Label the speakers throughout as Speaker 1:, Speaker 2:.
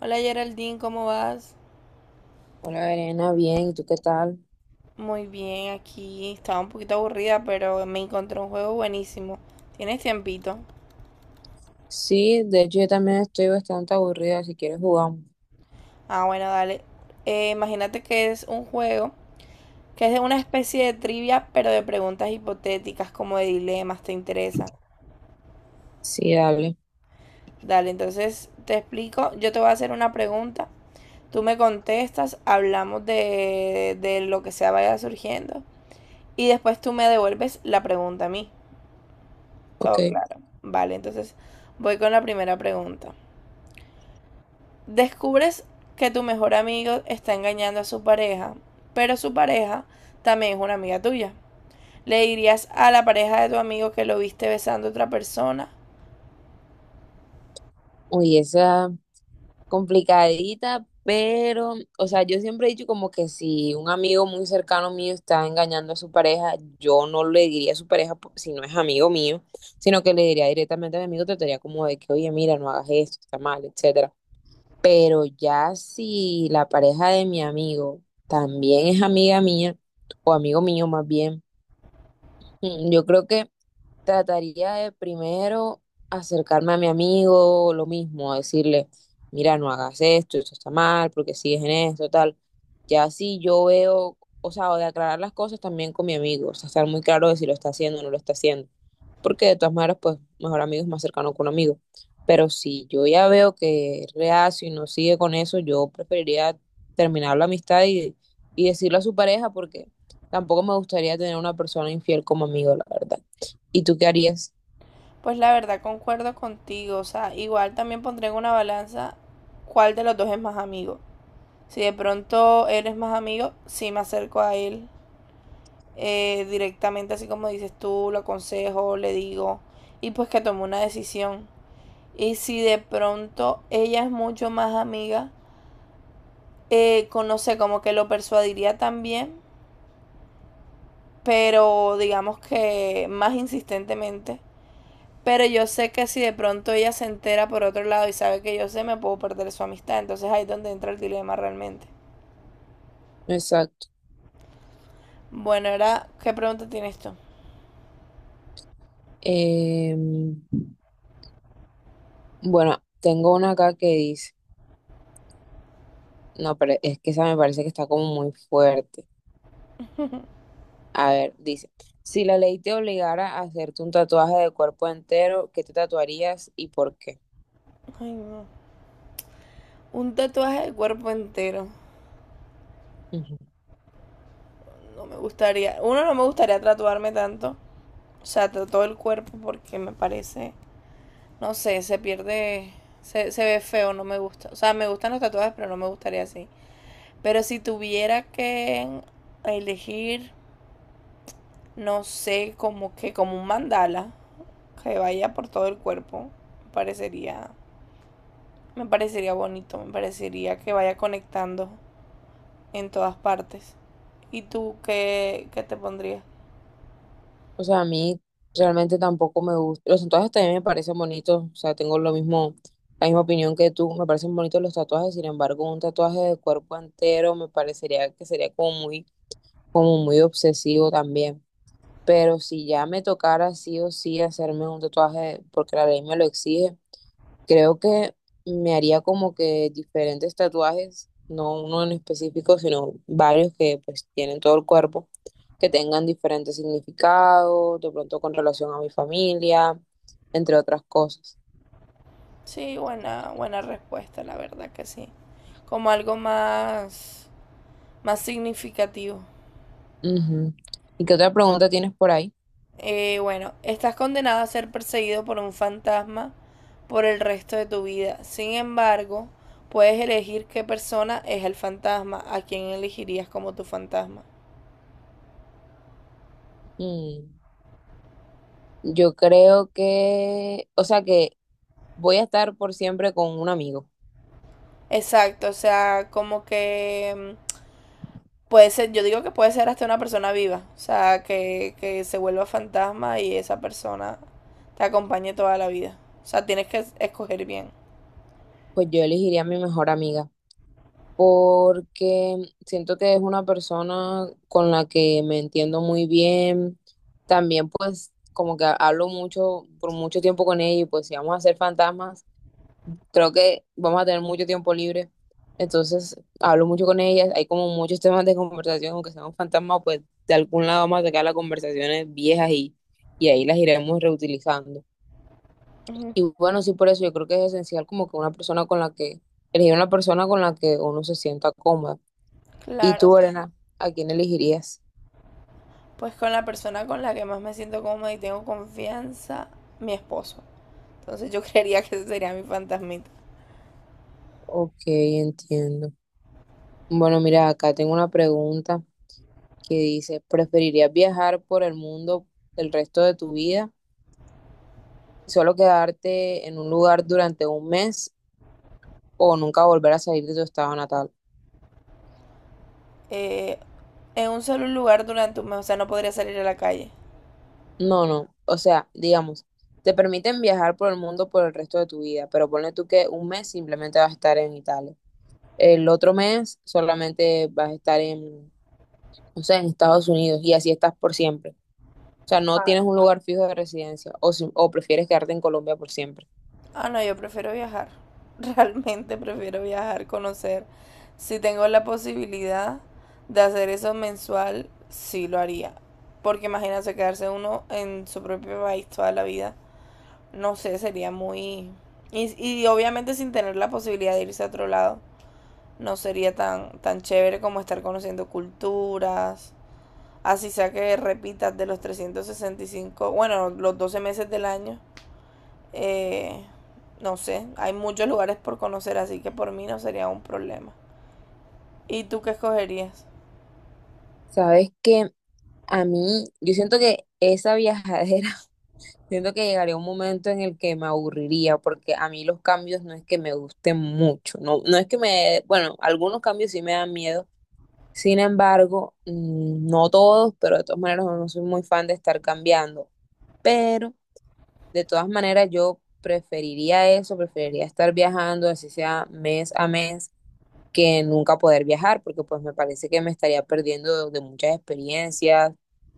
Speaker 1: Hola Geraldine, ¿cómo vas?
Speaker 2: Hola, Elena, bien, ¿y tú qué tal?
Speaker 1: Muy bien, aquí estaba un poquito aburrida, pero me encontré un juego buenísimo. ¿Tienes tiempito?
Speaker 2: Sí, de hecho yo también estoy bastante aburrida, si quieres jugamos.
Speaker 1: Ah, bueno, dale. Imagínate que es un juego que es de una especie de trivia, pero de preguntas hipotéticas, como de dilemas, ¿te interesa?
Speaker 2: Sí, dale,
Speaker 1: Dale, entonces te explico. Yo te voy a hacer una pregunta, tú me contestas, hablamos de lo que sea vaya surgiendo, y después tú me devuelves la pregunta a mí.
Speaker 2: ok.
Speaker 1: Todo claro. Vale, entonces voy con la primera pregunta. Descubres que tu mejor amigo está engañando a su pareja, pero su pareja también es una amiga tuya. ¿Le dirías a la pareja de tu amigo que lo viste besando a otra persona?
Speaker 2: Uy, esa complicadita, pero, o sea, yo siempre he dicho como que si un amigo muy cercano mío está engañando a su pareja, yo no le diría a su pareja po- si no es amigo mío, sino que le diría directamente a mi amigo, trataría como de que, oye, mira, no hagas esto, está mal, etcétera. Pero ya si la pareja de mi amigo también es amiga mía, o amigo mío más bien, mm, yo creo que trataría de primero acercarme a mi amigo, lo mismo, a decirle, mira, no hagas esto, esto está mal, porque sigues en esto, tal. Ya si yo veo, o sea, o de aclarar las cosas también con mi amigo, o sea, estar muy claro de si lo está haciendo o no lo está haciendo, porque de todas maneras, pues, mejor amigo es más cercano que un amigo. Pero si yo ya veo que es reacio y no sigue con eso, yo preferiría terminar la amistad y decirlo a su pareja, porque tampoco me gustaría tener una persona infiel como amigo, la verdad. ¿Y tú qué harías?
Speaker 1: Pues la verdad concuerdo contigo, o sea, igual también pondré en una balanza cuál de los dos es más amigo. Si de pronto él es más amigo, sí me acerco a él directamente, así como dices tú, lo aconsejo, le digo, y pues que tome una decisión. Y si de pronto ella es mucho más amiga, no sé, como que lo persuadiría también, pero digamos que más insistentemente. Pero yo sé que si de pronto ella se entera por otro lado y sabe que yo sé, me puedo perder su amistad. Entonces ahí es donde entra el dilema realmente.
Speaker 2: Exacto.
Speaker 1: Bueno, ahora, ¿qué pregunta tiene esto?
Speaker 2: Em, bueno, tengo una acá que dice, no, pero es que esa me parece que está como muy fuerte. A ver, dice, si la ley te obligara a hacerte un tatuaje de cuerpo entero, ¿qué te tatuarías y por qué?
Speaker 1: Ay, no. Un tatuaje del cuerpo entero.
Speaker 2: Ujú.
Speaker 1: No me gustaría. Uno, no me gustaría tatuarme tanto. O sea, todo el cuerpo porque me parece no sé, se pierde, se ve feo, no me gusta. O sea, me gustan los tatuajes, pero no me gustaría así. Pero si tuviera que elegir, no sé, como que como un mandala que vaya por todo el cuerpo, me parecería, me parecería bonito, me parecería que vaya conectando en todas partes. ¿Y tú qué te pondrías?
Speaker 2: O sea, a mí realmente tampoco me gusta. Los tatuajes también me parecen bonitos, o sea, tengo lo mismo, la misma opinión que tú, me parecen bonitos los tatuajes, sin embargo, un tatuaje de cuerpo entero me parecería que sería como muy obsesivo también. Pero si ya me tocara sí o sí hacerme un tatuaje, porque la ley me lo exige, creo que me haría como que diferentes tatuajes, no uno en específico, sino varios que pues tienen todo el cuerpo, que tengan diferentes significados, de pronto con relación a mi familia, entre otras cosas.
Speaker 1: Sí, buena, buena respuesta, la verdad que sí. Como algo más, más significativo.
Speaker 2: Ujú. ¿Y qué otra pregunta tienes por ahí?
Speaker 1: Bueno, estás condenado a ser perseguido por un fantasma por el resto de tu vida. Sin embargo, puedes elegir qué persona es el fantasma, a quién elegirías como tu fantasma.
Speaker 2: Mm, yo creo que, o sea que voy a estar por siempre con un amigo.
Speaker 1: Exacto, o sea, como que mm, puede ser, yo digo que puede ser hasta una persona viva, o sea, que se vuelva fantasma y esa persona te acompañe toda la vida. O sea, tienes que escoger bien.
Speaker 2: Pues yo elegiría a mi mejor amiga, porque siento que es una persona con la que me entiendo muy bien. También pues como que hablo mucho, por mucho tiempo con ella y pues si vamos a ser fantasmas, creo que vamos a tener mucho tiempo libre. Entonces hablo mucho con ella, hay como muchos temas de conversación, aunque seamos fantasmas, pues de algún lado vamos a sacar las conversaciones viejas y ahí las iremos reutilizando.
Speaker 1: Ujú.
Speaker 2: Y bueno, sí, por eso yo creo que es esencial como que una persona con la que, elegir una persona con la que uno se sienta cómoda. ¿Y
Speaker 1: Claro,
Speaker 2: tú,
Speaker 1: sí.
Speaker 2: Elena, a quién elegirías?
Speaker 1: Pues con la persona con la que más me siento cómoda y tengo confianza, mi esposo. Entonces yo creería que ese sería mi fantasmita.
Speaker 2: Ok, entiendo. Bueno, mira, acá tengo una pregunta que dice, ¿preferirías viajar por el mundo el resto de tu vida y solo quedarte en un lugar durante un mes o nunca volver a salir de tu estado natal?
Speaker 1: Eh, en un solo lugar durante un mes, o sea, no podría salir a la calle.
Speaker 2: No, no. O sea, digamos, te permiten viajar por el mundo por el resto de tu vida, pero ponle tú que un mes simplemente vas a estar en Italia. El otro mes solamente vas a estar en, no sé, en Estados Unidos y así estás por siempre. O sea, no
Speaker 1: Ah,
Speaker 2: tienes un lugar fijo de residencia o, si- o prefieres quedarte en Colombia por siempre.
Speaker 1: Ah, no, yo prefiero viajar. Realmente prefiero viajar, conocer. Si tengo la posibilidad de hacer eso mensual, sí lo haría. Porque imagínense quedarse uno en su propio país toda la vida. No sé, sería muy... Y, y obviamente sin tener la posibilidad de irse a otro lado, no sería tan chévere como estar conociendo culturas. Así sea que repitas de los 365 bueno, los 12 meses del año. Eh, no sé, hay muchos lugares por conocer, así que por mí no sería un problema. ¿Y tú qué escogerías?
Speaker 2: Sabes que a mí, yo siento que esa viajadera, siento que llegaría un momento en el que me aburriría, porque a mí los cambios no es que me gusten mucho, no, no es que me, bueno, algunos cambios sí me dan miedo, sin embargo, no todos, pero de todas maneras no soy muy fan de estar cambiando, pero de todas maneras, yo preferiría eso, preferiría estar viajando, así sea mes a mes, que nunca poder viajar, porque pues me parece que me estaría perdiendo de muchas experiencias,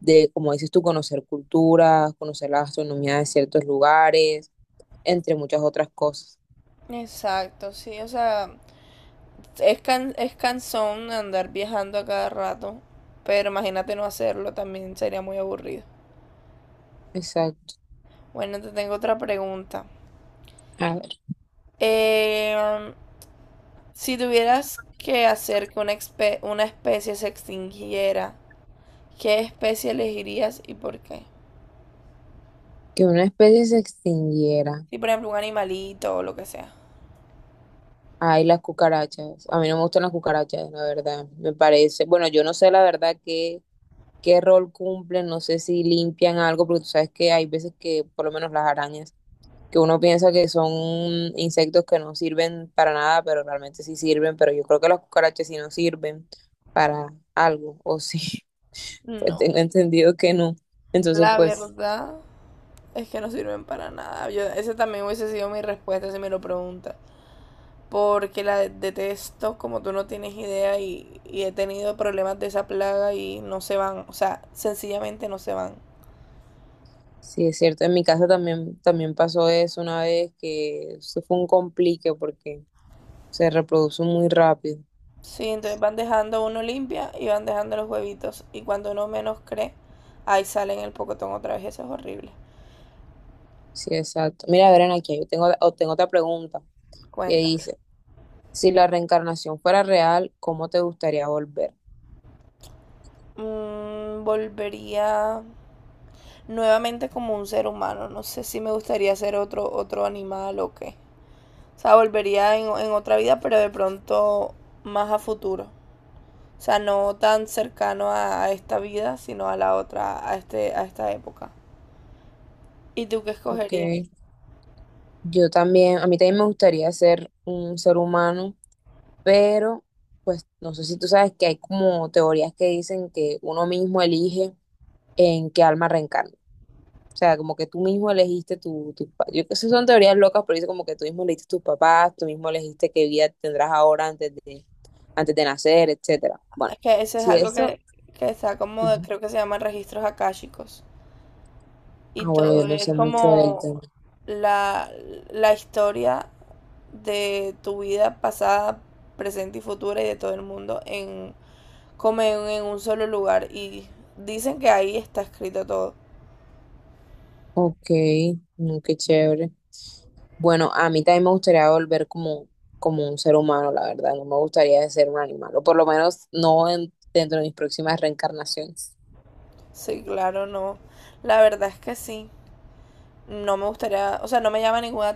Speaker 2: de, como dices tú, conocer culturas, conocer la gastronomía de ciertos lugares, entre muchas otras cosas.
Speaker 1: Exacto, sí, o sea, es cansón andar viajando a cada rato, pero imagínate no hacerlo, también sería muy aburrido.
Speaker 2: Exacto.
Speaker 1: Bueno, te tengo otra pregunta.
Speaker 2: A ver,
Speaker 1: Eh, si tuvieras que hacer que una especie se extinguiera, ¿qué especie elegirías y por qué?
Speaker 2: que una especie se extinguiera.
Speaker 1: Si, por ejemplo, un animalito o lo que sea.
Speaker 2: Ay, las cucarachas. A mí no me gustan las cucarachas, la verdad. Me parece, bueno, yo no sé la verdad que qué rol cumplen, no sé si limpian algo, porque tú sabes que hay veces que, por lo menos las arañas, que uno piensa que son insectos que no sirven para nada, pero realmente sí sirven, pero yo creo que las cucarachas sí no sirven para algo, o sí, pues
Speaker 1: No,
Speaker 2: tengo entendido que no. Entonces,
Speaker 1: la
Speaker 2: pues
Speaker 1: verdad es que no sirven para nada. Yo, esa también hubiese sido mi respuesta si me lo preguntas. Porque la detesto, como tú no tienes idea, y he tenido problemas de esa plaga y no se van. O sea, sencillamente no se van.
Speaker 2: sí es cierto, en mi casa también, también pasó eso una vez, que eso fue un complique porque se reproduce muy rápido.
Speaker 1: Sí, entonces van dejando uno limpia y van dejando los huevitos. Y cuando uno menos cree, ahí sale en el pocotón otra vez. Eso es horrible.
Speaker 2: Sí, exacto. Mira, Verena, aquí yo tengo, o tengo otra pregunta que
Speaker 1: Cuéntame.
Speaker 2: dice, si la reencarnación fuera real, ¿cómo te gustaría volver?
Speaker 1: Mm, volvería nuevamente como un ser humano. No sé si me gustaría ser otro, otro animal o qué. O sea, volvería en otra vida, pero de pronto más a futuro. O sea, no tan cercano a esta vida, sino a la otra, a esta época. ¿Y tú qué
Speaker 2: Ok.
Speaker 1: escogerías?
Speaker 2: Yo también, a mí también me gustaría ser un ser humano, pero pues no sé si tú sabes que hay como teorías que dicen que uno mismo elige en qué alma reencarna. O sea, como que tú mismo elegiste tu, tu pa- yo que sé, son teorías locas, pero dice como que tú mismo elegiste tus papás, tú mismo elegiste qué vida tendrás ahora antes de nacer, etcétera. Bueno,
Speaker 1: Es que eso es
Speaker 2: si
Speaker 1: algo
Speaker 2: eso,
Speaker 1: que está como,
Speaker 2: ujú,
Speaker 1: creo que se llama registros akáshicos.
Speaker 2: ah,
Speaker 1: Y
Speaker 2: bueno,
Speaker 1: todo
Speaker 2: yo no
Speaker 1: es
Speaker 2: sé mucho del
Speaker 1: como
Speaker 2: tema.
Speaker 1: la, la historia de tu vida pasada, presente y futura y de todo el mundo en, como en un solo lugar. Y dicen que ahí está escrito todo.
Speaker 2: Ok, no, qué chévere. Bueno, a mí también me gustaría volver como, como un ser humano, la verdad. No me gustaría ser un animal, o por lo menos no en- dentro de mis próximas reencarnaciones.
Speaker 1: Sí, claro, no. La verdad es que sí. No me gustaría, o sea, no me llama ninguna,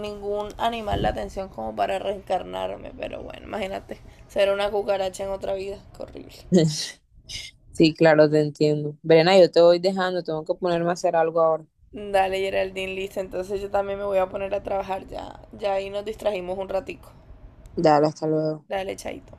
Speaker 1: ningún animal la atención como para reencarnarme, pero bueno, imagínate, ser una cucaracha en otra vida, qué horrible.
Speaker 2: Sí, claro, te entiendo. Verena, yo te voy dejando, tengo que ponerme a hacer algo ahora.
Speaker 1: Dale, Geraldine, listo, entonces yo también me voy a poner a trabajar ya ahí nos distrajimos un ratico.
Speaker 2: Dale, hasta luego.
Speaker 1: Dale, chaito.